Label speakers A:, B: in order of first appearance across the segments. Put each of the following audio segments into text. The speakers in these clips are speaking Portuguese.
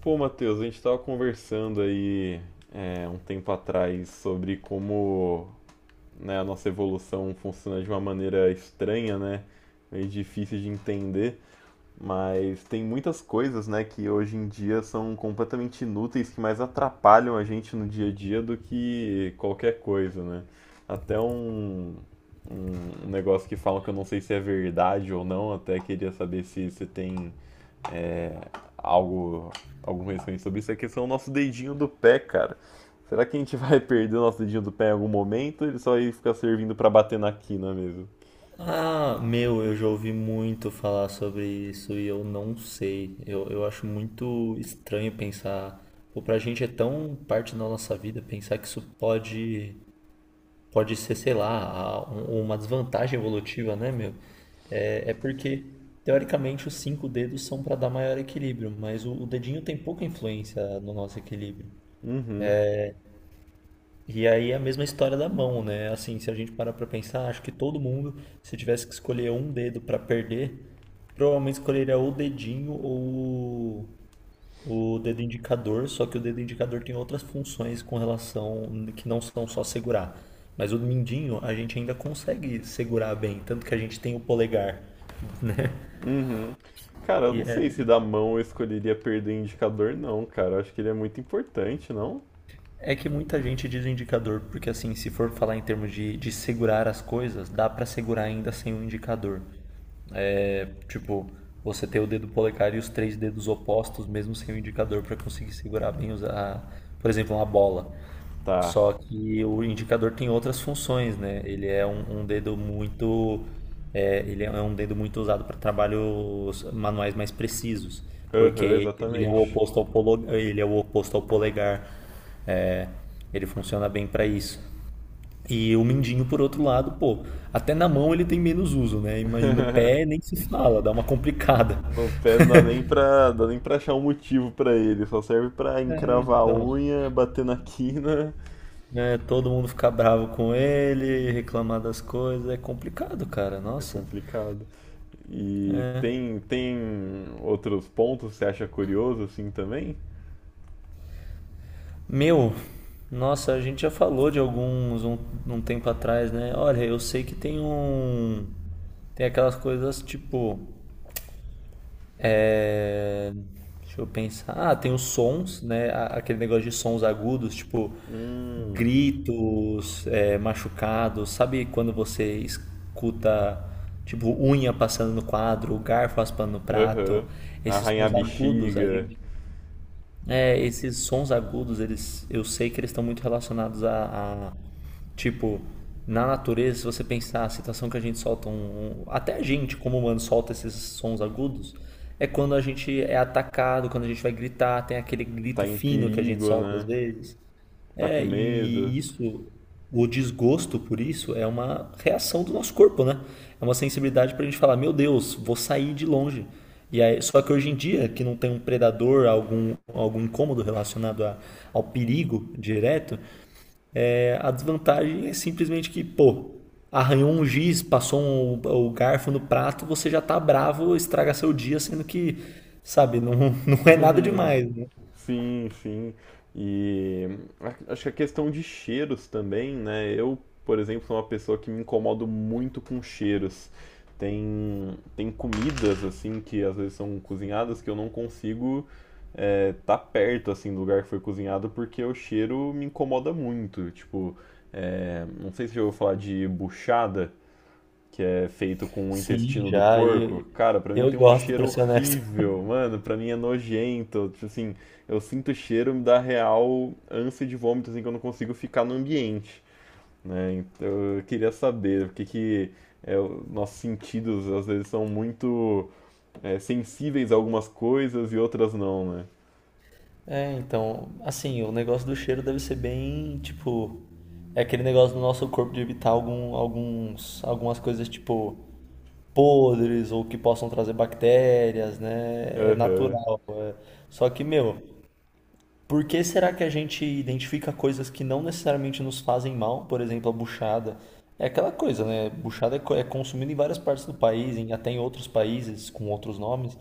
A: Pô, Matheus, a gente estava conversando aí um tempo atrás sobre como, né, a nossa evolução funciona de uma maneira estranha, né? Meio difícil de entender, mas tem muitas coisas, né, que hoje em dia são completamente inúteis, que mais atrapalham a gente no dia a dia do que qualquer coisa, né? Até um negócio que falam que eu não sei se é verdade ou não, até queria saber se você tem algo, algum conhecimento sobre isso, é a questão do nosso dedinho do pé, cara. Será que a gente vai perder o nosso dedinho do pé em algum momento? Ele só vai ficar servindo pra bater na quina mesmo?
B: Ah, meu, eu já ouvi muito falar sobre isso e eu não sei. Eu acho muito estranho pensar. Pô, pra gente é tão parte da nossa vida pensar que pode ser, sei lá, uma desvantagem evolutiva, né, meu? É porque, teoricamente, os cinco dedos são para dar maior equilíbrio, mas o dedinho tem pouca influência no nosso equilíbrio.
A: Uhum,
B: E aí é a mesma história da mão, né? Assim, se a gente parar pra pensar, acho que todo mundo, se tivesse que escolher um dedo pra perder, provavelmente escolheria ou o dedinho ou o dedo indicador, só que o dedo indicador tem outras funções com relação que não são só segurar. Mas o mindinho a gente ainda consegue segurar bem, tanto que a gente tem o polegar.
A: uhum. Cara, eu
B: E
A: não sei
B: é,
A: se da mão eu escolheria perder o indicador, não, cara. Eu acho que ele é muito importante, não?
B: é que muita gente diz o indicador, porque assim, se for falar em termos de segurar as coisas, dá pra segurar ainda sem o indicador. É, tipo, você ter o dedo polegar e os três dedos opostos, mesmo sem o indicador, para conseguir segurar bem, por exemplo, uma bola.
A: Tá.
B: Só que o indicador tem outras funções, né? Ele é um dedo muito, é, ele é um dedo muito usado para trabalhos manuais mais precisos,
A: Aham,
B: porque ele é o
A: exatamente.
B: oposto ao polo, ele é o oposto ao polegar. Ele funciona bem para isso. E o mindinho, por outro lado, pô, até na mão ele tem menos uso, né? E e no pé nem se fala, dá uma complicada.
A: No pé não dá nem pra achar um motivo pra ele. Só serve pra
B: É,
A: encravar a
B: então,
A: unha, bater na quina.
B: né, todo mundo ficar bravo com ele, reclamar das coisas, é complicado, cara,
A: É
B: nossa.
A: complicado. E tem outros pontos que você acha curioso assim também?
B: Meu, nossa, a gente já falou de um tempo atrás, né? Olha, eu sei que tem um. Tem aquelas coisas tipo. É, deixa eu pensar. Ah, tem os sons, né? Aquele negócio de sons agudos, tipo
A: Hum,
B: gritos, é, machucados. Sabe quando você escuta, tipo, unha passando no quadro, garfo raspando no prato?
A: aham.
B: Esses
A: Arranhar
B: sons
A: a
B: agudos, a
A: bexiga,
B: gente. É, esses sons agudos, eles, eu sei que eles estão muito relacionados tipo, na natureza, se você pensar a situação que a gente solta até a gente como humano solta esses sons agudos, é quando a gente é atacado, quando a gente vai gritar, tem aquele
A: tá
B: grito
A: em
B: fino que a gente
A: perigo,
B: solta às
A: né?
B: vezes.
A: Tá com
B: É,
A: medo.
B: e isso, o desgosto por isso é uma reação do nosso corpo, né? É uma sensibilidade pra gente falar, meu Deus, vou sair de longe. E aí, só que hoje em dia, que não tem um predador, algum incômodo relacionado ao perigo direto, é, a desvantagem é simplesmente que, pô, arranhou um giz, o garfo no prato, você já tá bravo, estraga seu dia, sendo que, sabe, não, não é nada demais, né?
A: Sim, sim. E acho que a questão de cheiros também, né? Eu, por exemplo, sou uma pessoa que me incomodo muito com cheiros. Tem, tem comidas, assim, que às vezes são cozinhadas que eu não consigo tá perto, assim, do lugar que foi cozinhado porque o cheiro me incomoda muito. Tipo, não sei se eu vou falar de buchada, que é feito com o
B: Sim,
A: intestino do
B: já,
A: porco.
B: e
A: Cara, pra mim
B: eu
A: tem um
B: gosto, pra
A: cheiro
B: ser honesto.
A: horrível, mano, pra mim é nojento, tipo assim, eu sinto o cheiro, me dá real ânsia de vômito, assim, que eu não consigo ficar no ambiente, né. Então eu queria saber porque que nossos sentidos às vezes são muito, sensíveis a algumas coisas e outras não, né.
B: É, então, assim, o negócio do cheiro deve ser bem, tipo, é aquele negócio do nosso corpo de evitar algumas coisas, tipo, podres ou que possam trazer bactérias, né? É
A: Aham,
B: natural. É. Só que, meu, por que será que a gente identifica coisas que não necessariamente nos fazem mal? Por exemplo, a buchada. É aquela coisa, né? Buchada é consumida em várias partes do país, até em outros países com outros nomes.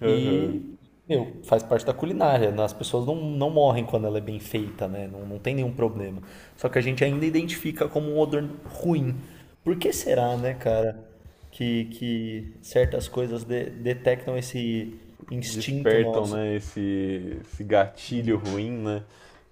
A: aham.
B: E, meu, faz parte da culinária, né? As pessoas não morrem quando ela é bem feita, né? Não tem nenhum problema. Só que a gente ainda identifica como um odor ruim. Por que será, né, cara, que certas coisas detectam esse instinto
A: Despertam,
B: nosso?
A: né, esse gatilho ruim, né?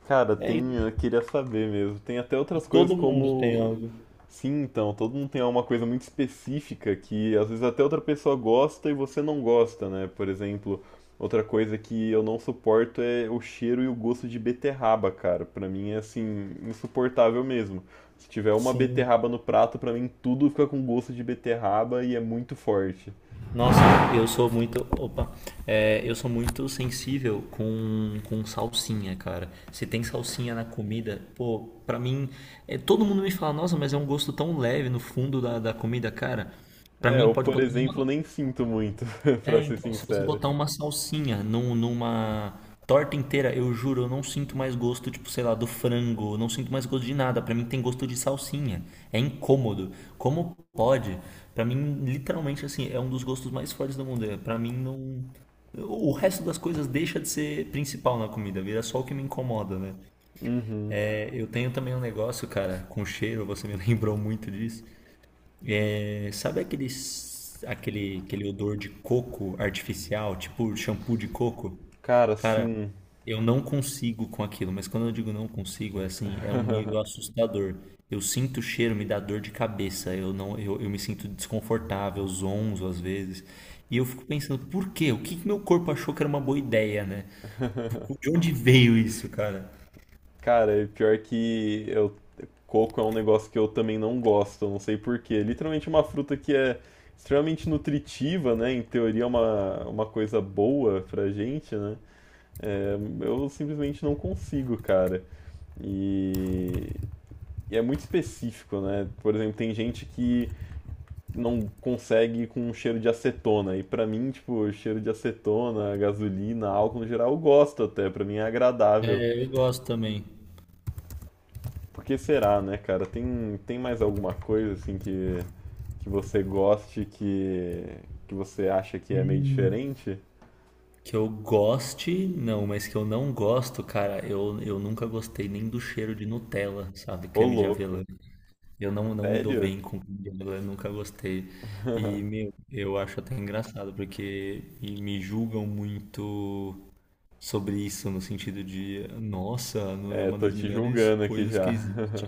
A: Cara,
B: É
A: tem,
B: isso.
A: eu queria saber mesmo. Tem até
B: E
A: outras coisas
B: todo mundo tem
A: como,
B: algo.
A: sim. Então, todo mundo tem uma coisa muito específica que às vezes até outra pessoa gosta e você não gosta, né? Por exemplo, outra coisa que eu não suporto é o cheiro e o gosto de beterraba, cara. Pra mim é assim, insuportável mesmo. Se tiver uma
B: Sim.
A: beterraba no prato, pra mim tudo fica com gosto de beterraba e é muito forte.
B: Nossa, eu sou muito. Opa. É, eu sou muito sensível com salsinha, cara. Se tem salsinha na comida, pô, pra mim. É, todo mundo me fala, nossa, mas é um gosto tão leve no fundo da comida, cara. Pra
A: É,
B: mim,
A: eu,
B: pode
A: por
B: botar
A: exemplo,
B: uma.
A: nem sinto muito, pra
B: É,
A: ser
B: então, se você
A: sincero.
B: botar uma salsinha numa torta inteira, eu juro, eu não sinto mais gosto, tipo, sei lá, do frango, eu não sinto mais gosto de nada. Pra mim tem gosto de salsinha. É incômodo. Como pode? Pra mim, literalmente, assim, é um dos gostos mais fortes do mundo. É, pra mim, não. O resto das coisas deixa de ser principal na comida, vira só o que me incomoda, né?
A: Uhum.
B: É, eu tenho também um negócio, cara, com cheiro, você me lembrou muito disso. É, sabe aquele odor de coco artificial, tipo shampoo de coco?
A: Cara,
B: Cara,
A: sim.
B: eu não consigo com aquilo, mas quando eu digo não consigo, é assim, é um nível assustador. Eu sinto o cheiro, me dá dor de cabeça, eu não, eu me sinto desconfortável, zonzo às vezes. E eu fico pensando, por quê? O que que meu corpo achou que era uma boa ideia, né? De onde veio isso, cara?
A: Cara, e pior que eu, coco é um negócio que eu também não gosto, eu não sei por quê. Literalmente uma fruta que é extremamente nutritiva, né? Em teoria é uma coisa boa pra gente, né? É, eu simplesmente não consigo, cara. E, e é muito específico, né? Por exemplo, tem gente que não consegue com um cheiro de acetona. E pra mim, tipo, cheiro de acetona, gasolina, álcool no geral, eu gosto até, pra mim é agradável.
B: É, eu gosto também.
A: Por que será, né, cara? Tem, tem mais alguma coisa assim que você goste, que você acha que é meio diferente?
B: Que eu goste, não, mas que eu não gosto, cara, eu nunca gostei nem do cheiro de Nutella, sabe?
A: Ô,
B: Creme de
A: louco.
B: avelã. Eu não me dou
A: Sério?
B: bem com creme de avelã, nunca gostei. E, meu, eu acho até engraçado, porque me julgam muito sobre isso, no sentido de, nossa, não é
A: É,
B: uma
A: tô
B: das
A: te
B: melhores
A: julgando aqui
B: coisas que
A: já.
B: existe.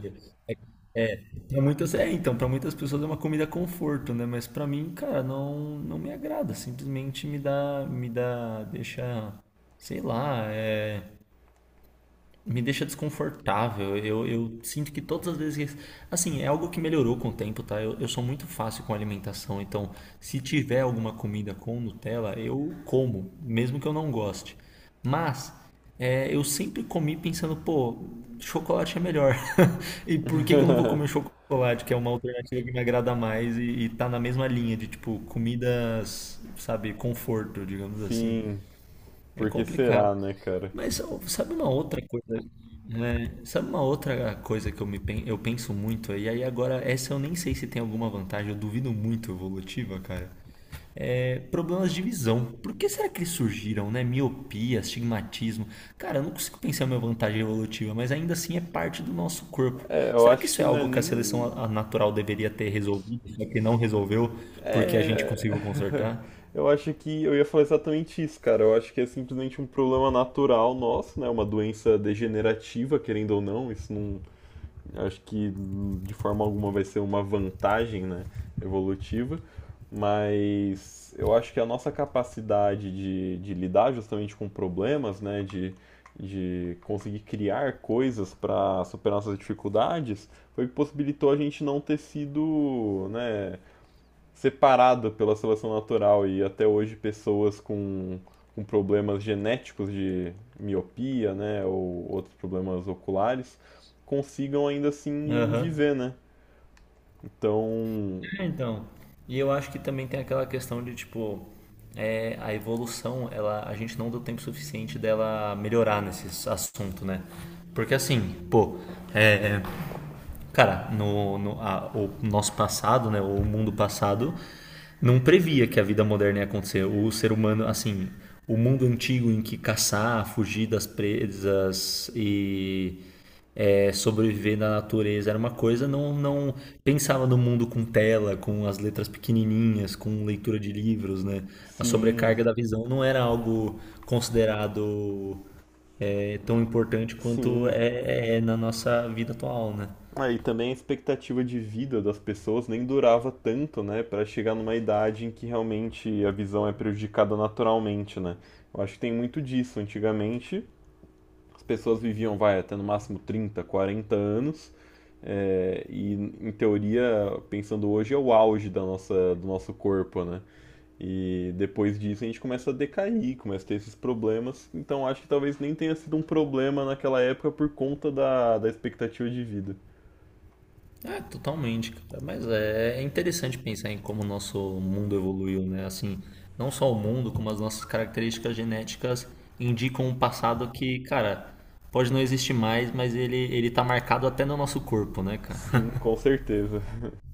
B: Pra muitas, é, então, para muitas pessoas é uma comida conforto, né? Mas pra mim, cara, não me agrada. Simplesmente deixa, sei lá, é, me deixa desconfortável. Eu sinto que todas as vezes. Assim, é algo que melhorou com o tempo, tá? Eu sou muito fácil com alimentação, então se tiver alguma comida com Nutella, eu como, mesmo que eu não goste. Mas é, eu sempre comi pensando, pô, chocolate é melhor. E por que que eu não vou comer chocolate, que é uma alternativa que me agrada mais e tá na mesma linha de, tipo, comidas, sabe, conforto, digamos assim.
A: Sim,
B: É
A: por que
B: complicado.
A: será, né, cara?
B: Mas ó, sabe uma outra coisa? É, sabe uma outra coisa que eu, me, eu penso muito? E aí agora, essa eu nem sei se tem alguma vantagem, eu duvido muito evolutiva, cara. É, problemas de visão. Por que será que eles surgiram, né? Miopia, astigmatismo. Cara, eu não consigo pensar em uma vantagem evolutiva, mas ainda assim é parte do nosso corpo.
A: É, eu
B: Será que
A: acho
B: isso
A: que
B: é
A: não é
B: algo que a seleção
A: nem
B: a natural deveria ter resolvido, só que não resolveu porque a gente
A: É,
B: conseguiu consertar?
A: eu acho que eu ia falar exatamente isso, cara. Eu acho que é simplesmente um problema natural nosso, né? Uma doença degenerativa, querendo ou não. Isso não, acho que de forma alguma vai ser uma vantagem, né? Evolutiva. Mas eu acho que a nossa capacidade de lidar justamente com problemas, né? De conseguir criar coisas para superar nossas dificuldades foi o que possibilitou a gente não ter sido, né, separada pela seleção natural. E até hoje pessoas com problemas genéticos de miopia, né, ou outros problemas oculares, consigam ainda assim
B: Aham.
A: viver, né? Então,
B: É, então. E eu acho que também tem aquela questão de, tipo, é, a evolução, ela, a gente não deu tempo suficiente dela melhorar nesse assunto, né? Porque assim, pô, é, cara, no, no a- o nosso passado, né, o mundo passado, não previa que a vida moderna ia acontecer. O ser humano, assim, o mundo antigo em que caçar, fugir das presas e é, sobreviver na natureza era uma coisa, não pensava no mundo com tela, com as letras pequenininhas, com leitura de livros, né? A
A: sim,
B: sobrecarga da visão não era algo considerado é, tão importante quanto
A: sim.
B: é é na nossa vida atual, né?
A: Aí ah, também a expectativa de vida das pessoas nem durava tanto, né, para chegar numa idade em que realmente a visão é prejudicada naturalmente, né? Eu acho que tem muito disso. Antigamente, as pessoas viviam, vai, até no máximo 30, 40 anos. É, e, em teoria, pensando hoje, é o auge da nossa, do nosso corpo, né? E depois disso a gente começa a decair, começa a ter esses problemas. Então acho que talvez nem tenha sido um problema naquela época por conta da, da expectativa de vida.
B: É, totalmente, cara. Mas é, é interessante pensar em como o nosso mundo evoluiu, né? Assim, não só o mundo, como as nossas características genéticas indicam um passado que, cara, pode não existir mais, mas ele tá marcado até no nosso corpo, né,
A: Sim,
B: cara?
A: com certeza.